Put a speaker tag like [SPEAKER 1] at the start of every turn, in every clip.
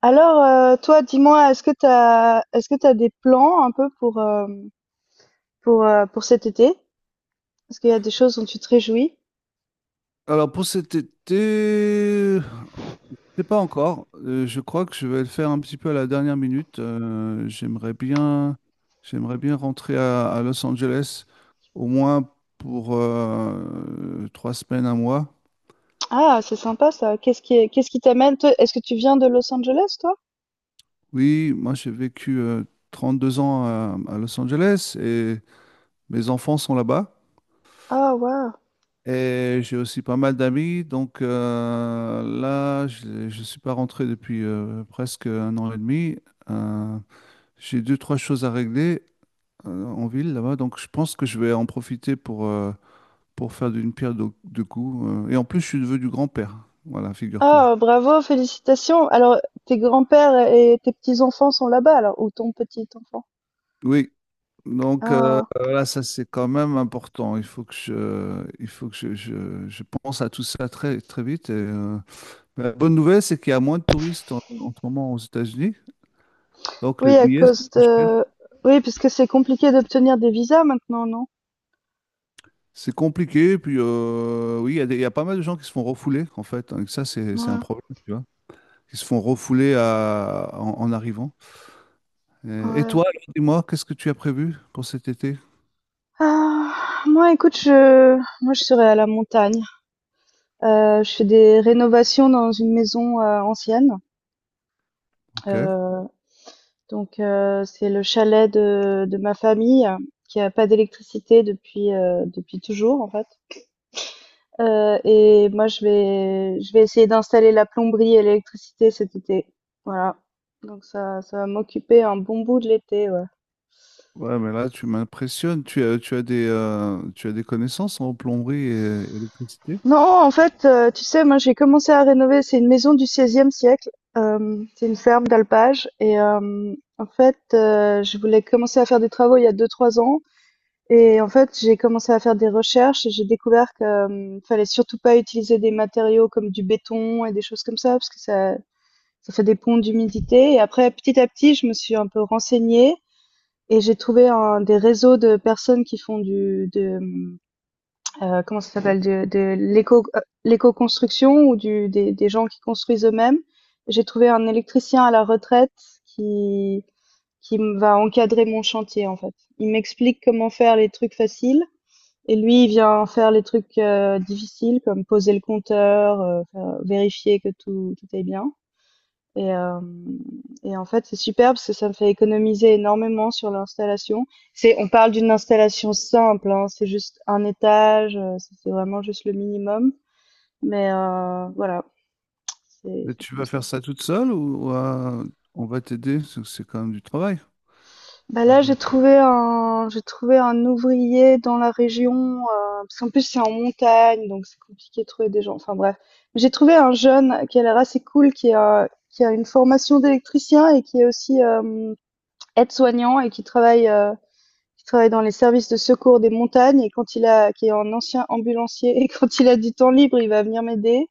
[SPEAKER 1] Alors, toi, dis-moi, est-ce que t'as des plans un peu pour cet été? Est-ce qu'il y a des choses dont tu te réjouis?
[SPEAKER 2] Alors pour cet été, c'est pas encore. Je crois que je vais le faire un petit peu à la dernière minute. J'aimerais bien, j'aimerais bien rentrer à Los Angeles au moins pour trois semaines, un mois.
[SPEAKER 1] Ah, c'est sympa ça. Qu'est-ce qui t'amène? Toi, est-ce que tu viens de Los Angeles, toi?
[SPEAKER 2] Oui, moi j'ai vécu 32 ans à Los Angeles et mes enfants sont là-bas.
[SPEAKER 1] Ah, waouh.
[SPEAKER 2] Et j'ai aussi pas mal d'amis, donc là, je ne suis pas rentré depuis presque un an et demi. Euh, J'ai deux, trois choses à régler en ville là-bas, donc je pense que je vais en profiter pour faire d'une pierre deux coups. Et en plus, je suis neveu du grand-père. Voilà, figure-toi.
[SPEAKER 1] Ah, bravo, félicitations. Alors, tes grands-pères et tes petits-enfants sont là-bas, alors, ou ton petit-enfant?
[SPEAKER 2] Oui, donc
[SPEAKER 1] Ah,
[SPEAKER 2] là, ça c'est quand même important. Il faut que je, il faut que je- Je pense à tout ça très, très vite. La bonne nouvelle, c'est qu'il y a moins de touristes en ce moment aux États-Unis, donc les
[SPEAKER 1] oui, à
[SPEAKER 2] billets sont
[SPEAKER 1] cause
[SPEAKER 2] moins chers.
[SPEAKER 1] de, oui, puisque c'est compliqué d'obtenir des visas maintenant, non?
[SPEAKER 2] C'est compliqué, puis oui, il y a pas mal de gens qui se font refouler en fait, hein, ça c'est un
[SPEAKER 1] Ouais,
[SPEAKER 2] problème, tu vois. Qui se font refouler en arrivant. Et
[SPEAKER 1] ouais.
[SPEAKER 2] toi, alors, dis-moi, qu'est-ce que tu as prévu pour cet été?
[SPEAKER 1] Ah, moi, écoute, moi, je serais à la montagne. Je fais des rénovations dans une maison, ancienne.
[SPEAKER 2] Ok.
[SPEAKER 1] Heu, donc heu, c'est le chalet de ma famille, qui a pas d'électricité depuis toujours, en fait. Et moi, je vais essayer d'installer la plomberie et l'électricité cet été. Voilà, donc ça va m'occuper un bon bout de l'été, ouais.
[SPEAKER 2] Ouais, mais là, tu m'impressionnes. Tu as des connaissances en plomberie et électricité.
[SPEAKER 1] Non, en fait, tu sais, moi, j'ai commencé à rénover, c'est une maison du XVIe siècle. C'est une ferme d'alpage. Et en fait, je voulais commencer à faire des travaux il y a 2-3 ans, et en fait, j'ai commencé à faire des recherches et j'ai découvert que, fallait surtout pas utiliser des matériaux comme du béton et des choses comme ça, parce que ça fait des ponts d'humidité. Et après petit à petit, je me suis un peu renseignée, et j'ai trouvé un des réseaux de personnes qui font du de, mmh comment ça s'appelle — de l'éco, l'éco-construction, ou des gens qui construisent eux-mêmes. J'ai trouvé un électricien à la retraite qui, qui me va encadrer mon chantier, en fait. Il m'explique comment faire les trucs faciles. Et lui, il vient faire les trucs difficiles, comme poser le compteur, vérifier que tout est bien. Et, hem et en fait, c'est super parce que ça me fait économiser énormément sur l'installation. C'est on parle d'une installation simple, hein, c'est juste un étage, c'est vraiment juste le minimum, mais voilà, c'est
[SPEAKER 2] Mais
[SPEAKER 1] c'est
[SPEAKER 2] tu
[SPEAKER 1] comme
[SPEAKER 2] vas
[SPEAKER 1] ça.
[SPEAKER 2] faire ça toute seule ou on va t'aider? C'est quand même du travail.
[SPEAKER 1] Bah, là,
[SPEAKER 2] Ok.
[SPEAKER 1] j'ai trouvé un ouvrier dans la région. heu, Parce qu'en plus, c'est en montagne, donc c'est compliqué de trouver des gens, enfin bref. J'ai trouvé un jeune qui a l'air assez cool, qui a une formation d'électricien et qui est aussi, aide-soignant et qui travaille dans les services de secours des montagnes et qui est un ancien ambulancier et quand il a du temps libre, il va venir m'aider.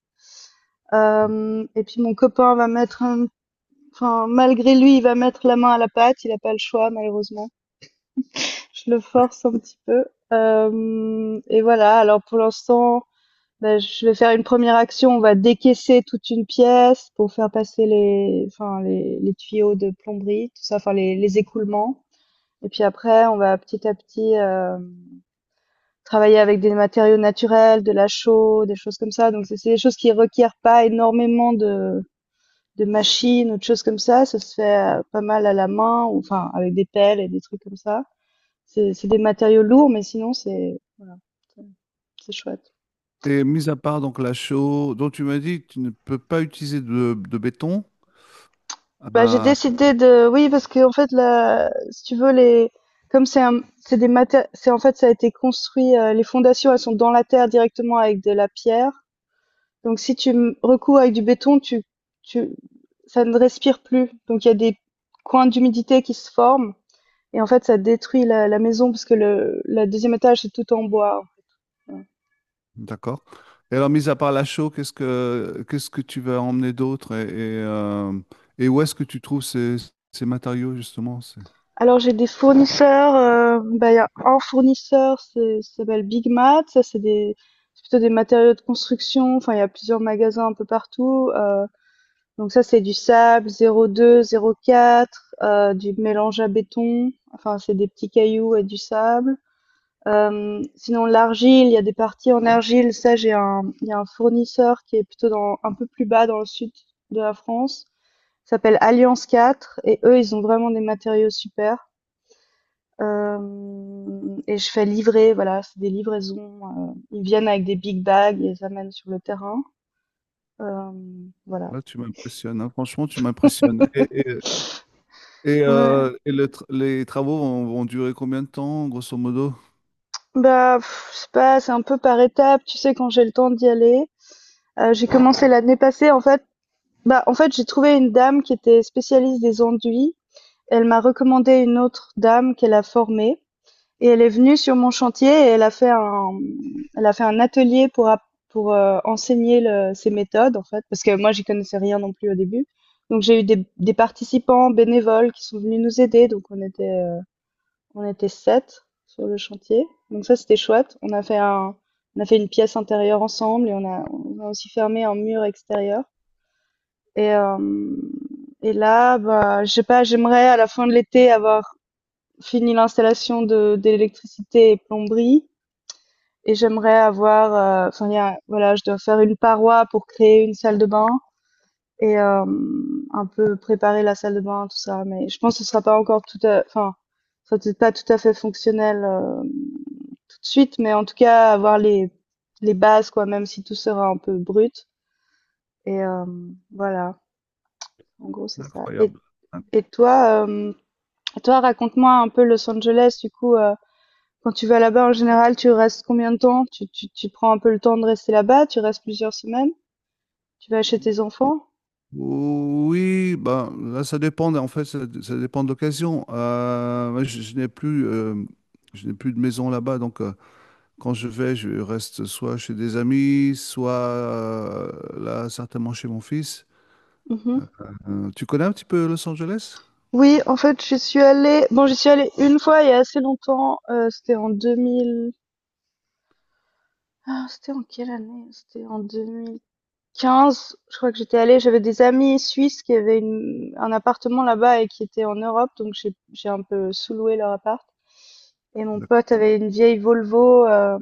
[SPEAKER 1] Et puis mon copain va mettre enfin malgré lui, il va mettre la main à la pâte. Il n'a pas le choix malheureusement. Je le force un petit peu. Et voilà. Alors pour l'instant, ben, je vais faire une première action. On va décaisser toute une pièce pour faire passer les tuyaux de plomberie, tout ça, les écoulements. Et puis après, on va petit à petit travailler avec des matériaux naturels, de la chaux, des choses comme ça. Donc c'est des choses qui requièrent pas énormément de machines ou de choses comme ça. Ça se fait, pas mal à la main, ou enfin avec des pelles et des trucs comme ça. C'est des matériaux lourds, mais sinon c'est voilà, c'est c'est chouette.
[SPEAKER 2] Et mis à part donc la chaux, dont tu m'as dit que tu ne peux pas utiliser de béton,
[SPEAKER 1] Bah, j'ai
[SPEAKER 2] euh,
[SPEAKER 1] décidé de oui parce que en fait là, si tu veux les comme c'est un c'est en fait, ça a été construit, les fondations, elles sont dans la terre directement avec de la pierre. Donc si tu recours avec du béton, tu, ça ne respire plus. Donc il y a des coins d'humidité qui se forment. Et en fait, ça détruit la maison parce que le deuxième étage, c'est tout en bois. Voilà.
[SPEAKER 2] d'accord. Et alors, mis à part la chaux, qu'est-ce que tu vas emmener d'autre et où est-ce que tu trouves ces matériaux justement? C'est-
[SPEAKER 1] Alors j'ai des fournisseurs. Il y a un fournisseur, ça s'appelle Big Mat. C'est plutôt des matériaux de construction. Enfin, il y a plusieurs magasins un peu partout. Donc ça, c'est du sable 02, 04, du mélange à béton. Enfin, c'est des petits cailloux et du sable. Sinon l'argile, il y a des parties en argile. Ça, il y a un fournisseur qui est plutôt un peu plus bas dans le sud de la France. Ça s'appelle Alliance 4 et eux, ils ont vraiment des matériaux super. Et je fais livrer, voilà, c'est des livraisons. Ils viennent avec des big bags et ils amènent sur le terrain. Euh, voilà.
[SPEAKER 2] Là, tu m'impressionnes, hein. Franchement, tu m'impressionnes.
[SPEAKER 1] Ouais.
[SPEAKER 2] Et les travaux vont, vont durer combien de temps, grosso modo?
[SPEAKER 1] Bah, pff, c'est pas, c'est un peu par étapes. Tu sais, quand j'ai le temps d'y aller. J'ai commencé l'année passée, en fait. Bah, en fait, j'ai trouvé une dame qui était spécialiste des enduits. Elle m'a recommandé une autre dame qu'elle a formée, et elle est venue sur mon chantier et elle a fait un atelier pour enseigner ses méthodes en fait, parce que moi j'y connaissais rien non plus au début. Donc j'ai eu des participants bénévoles qui sont venus nous aider, donc on était sept sur le chantier. Donc ça c'était chouette. On a fait une pièce intérieure ensemble et on a aussi fermé un mur extérieur. Et, euh, et là, bah, je sais pas, j'aimerais à la fin de l'été avoir fini l'installation de d'électricité et plomberie, et j'aimerais avoir, voilà, je dois faire une paroi pour créer une salle de bain et un peu préparer la salle de bain, tout ça. Mais je pense que ce sera pas encore ça peut pas tout à fait fonctionnel tout de suite, mais en tout cas avoir les bases, quoi, même si tout sera un peu brut. Et voilà, en gros c'est ça. Et
[SPEAKER 2] Incroyable.
[SPEAKER 1] et toi, raconte-moi un peu Los Angeles, du coup. Quand tu vas là-bas, en général, tu restes combien de temps? Tu prends un peu le temps de rester là-bas? Tu restes plusieurs semaines? Tu vas chez tes enfants?
[SPEAKER 2] Oui, ben là, ça dépend. En fait, ça dépend de l'occasion. Moi, je n'ai plus de maison là-bas, donc. Quand je vais, je reste soit chez des amis, soit là, certainement chez mon fils.
[SPEAKER 1] Mhm.
[SPEAKER 2] Tu connais un petit peu Los Angeles?
[SPEAKER 1] Oui, en fait, je suis allée. Bon, j'y suis allée une fois il y a assez longtemps. C'était en 2000. Ah, c'était en quelle année? C'était en 2015 je crois que j'étais allée. J'avais des amis suisses qui avaient un appartement là-bas et qui étaient en Europe, donc j'ai un peu sous-loué leur appart. Et mon
[SPEAKER 2] D'accord.
[SPEAKER 1] pote avait une vieille Volvo,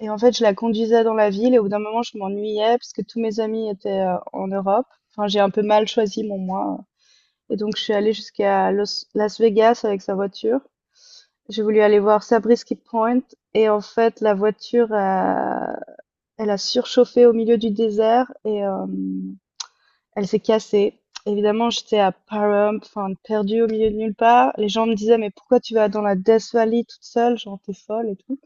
[SPEAKER 1] et en fait je la conduisais dans la ville, et au bout d'un moment je m'ennuyais parce que tous mes amis étaient en Europe. Enfin, j'ai un peu mal choisi mon mois. Et donc je suis allée jusqu'à Las Vegas avec sa voiture. J'ai voulu aller voir Sabrisky Point, et en fait elle a surchauffé au milieu du désert. Elle s'est cassée. Évidemment, j'étais à Parham, enfin, perdue au milieu de nulle part. Les gens me disaient, mais pourquoi tu vas dans la Death Valley toute seule? Genre, t'es folle et tout.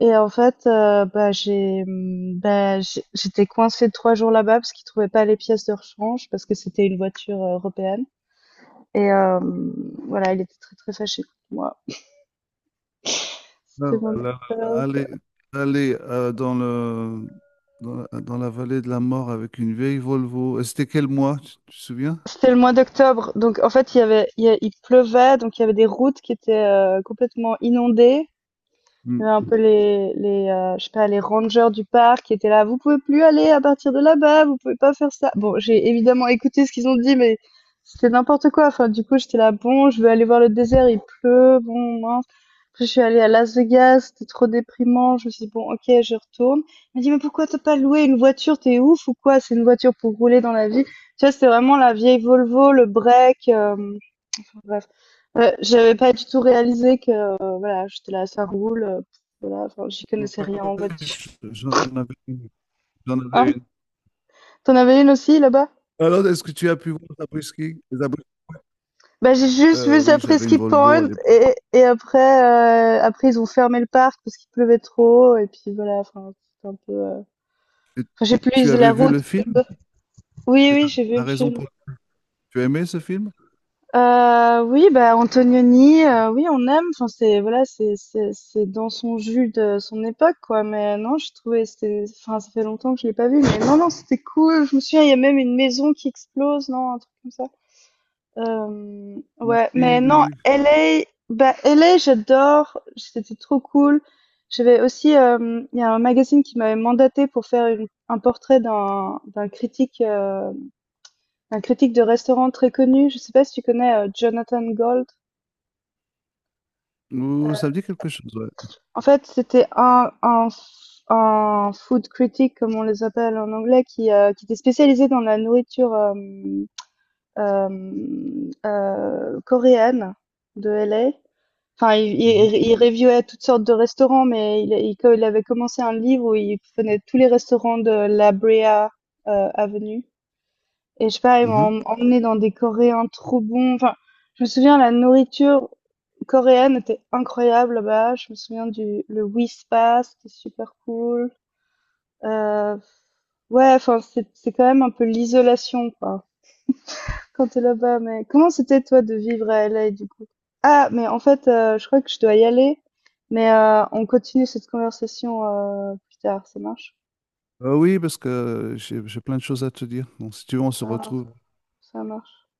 [SPEAKER 1] Et en fait, j'étais coincée 3 jours là-bas parce qu'ils trouvaient pas les pièces de rechange parce que c'était une voiture européenne. Et voilà, il était très très fâché contre moi. C'était mon expérience.
[SPEAKER 2] Aller, aller dans le, dans la vallée de la mort avec une vieille Volvo. Et c'était quel mois, tu te souviens?
[SPEAKER 1] C'était le mois d'octobre, donc en fait il pleuvait, donc il y avait des routes qui étaient complètement inondées. Il
[SPEAKER 2] Hmm.
[SPEAKER 1] y avait un peu les je sais pas — les rangers du parc qui étaient là: «Vous pouvez plus aller à partir de là-bas, vous pouvez pas faire ça». Bon, j'ai évidemment écouté ce qu'ils ont dit, mais c'était n'importe quoi. Enfin, du coup, j'étais là: «Bon, je veux aller voir le désert, il pleut, bon, mince». Après, je suis allée à Las Vegas, c'était trop déprimant. Je me suis dit: «Bon, OK, je retourne». Il m'a dit: «Mais pourquoi t'as pas loué une voiture? T'es ouf ou quoi? C'est une voiture pour rouler dans la vie». Tu vois, c'était vraiment la vieille Volvo, le break. Hem Bref. Ouais, j'avais pas du tout réalisé que voilà, j'étais là, ça roule, voilà, enfin, j'y connaissais rien en voiture.
[SPEAKER 2] J'en avais une. J'en
[SPEAKER 1] Hein?
[SPEAKER 2] avais une.
[SPEAKER 1] T'en avais une aussi là-bas?
[SPEAKER 2] Alors, est-ce que tu as pu voir Zabriskie? Les Zabris-
[SPEAKER 1] Bah, j'ai juste vu ça,
[SPEAKER 2] Oui, j'avais une
[SPEAKER 1] Presqu'y
[SPEAKER 2] Volvo à
[SPEAKER 1] Point,
[SPEAKER 2] l'époque.
[SPEAKER 1] et après, après ils ont fermé le parc parce qu'il pleuvait trop et puis voilà, enfin, c'était un peu.
[SPEAKER 2] Et
[SPEAKER 1] Enfin, j'ai
[SPEAKER 2] tu
[SPEAKER 1] plus la
[SPEAKER 2] avais vu le
[SPEAKER 1] route.
[SPEAKER 2] film?
[SPEAKER 1] Oui,
[SPEAKER 2] C'est
[SPEAKER 1] oui,
[SPEAKER 2] la,
[SPEAKER 1] j'ai vu
[SPEAKER 2] la
[SPEAKER 1] le
[SPEAKER 2] raison
[SPEAKER 1] film.
[SPEAKER 2] pour. Tu as aimé ce film?
[SPEAKER 1] Oui, bah, Antonioni, oui, on aime, enfin, c'est voilà, c'est dans son jus, de son époque, quoi, mais non, je trouvais, ça fait longtemps que je l'ai pas vu, mais non, non, c'était cool. Je me souviens, il y a même une maison qui explose, non, un truc comme ça? Ouais,
[SPEAKER 2] Oui,
[SPEAKER 1] mais
[SPEAKER 2] oui,
[SPEAKER 1] non,
[SPEAKER 2] oui.
[SPEAKER 1] LA, LA, j'adore, c'était trop cool. J'avais aussi, il y a un magazine qui m'avait mandaté pour faire une un portrait d'un critique de restaurant très connu. Je sais pas si tu connais, Jonathan Gold?
[SPEAKER 2] Oh, ça me dit quelque chose, ouais.
[SPEAKER 1] En fait, c'était un food critic, comme on les appelle en anglais, qui était spécialisé dans la nourriture, coréenne de L. A. Enfin, il
[SPEAKER 2] Mhm,
[SPEAKER 1] il il reviewait toutes sortes de restaurants, mais il avait commencé un livre où il prenait tous les restaurants de La Brea, avenue. Et je sais pas, ils
[SPEAKER 2] mhm.
[SPEAKER 1] m'ont emmenée dans des Coréens trop bons. Enfin, je me souviens, la nourriture coréenne était incroyable là-bas. Je me souviens du le Whispa, c'était super cool. Euh, ouais, enfin, c'est quand même un peu l'isolation, quoi, quand t'es là-bas. Mais comment c'était, toi, de vivre à LA, du coup? Ah, mais en fait, je crois que je dois y aller. Mais on continue cette conversation plus tard. Ça marche?
[SPEAKER 2] Oui, parce que j'ai plein de choses à te dire. Donc, si tu veux, on se
[SPEAKER 1] Ça,
[SPEAKER 2] retrouve
[SPEAKER 1] ça marche.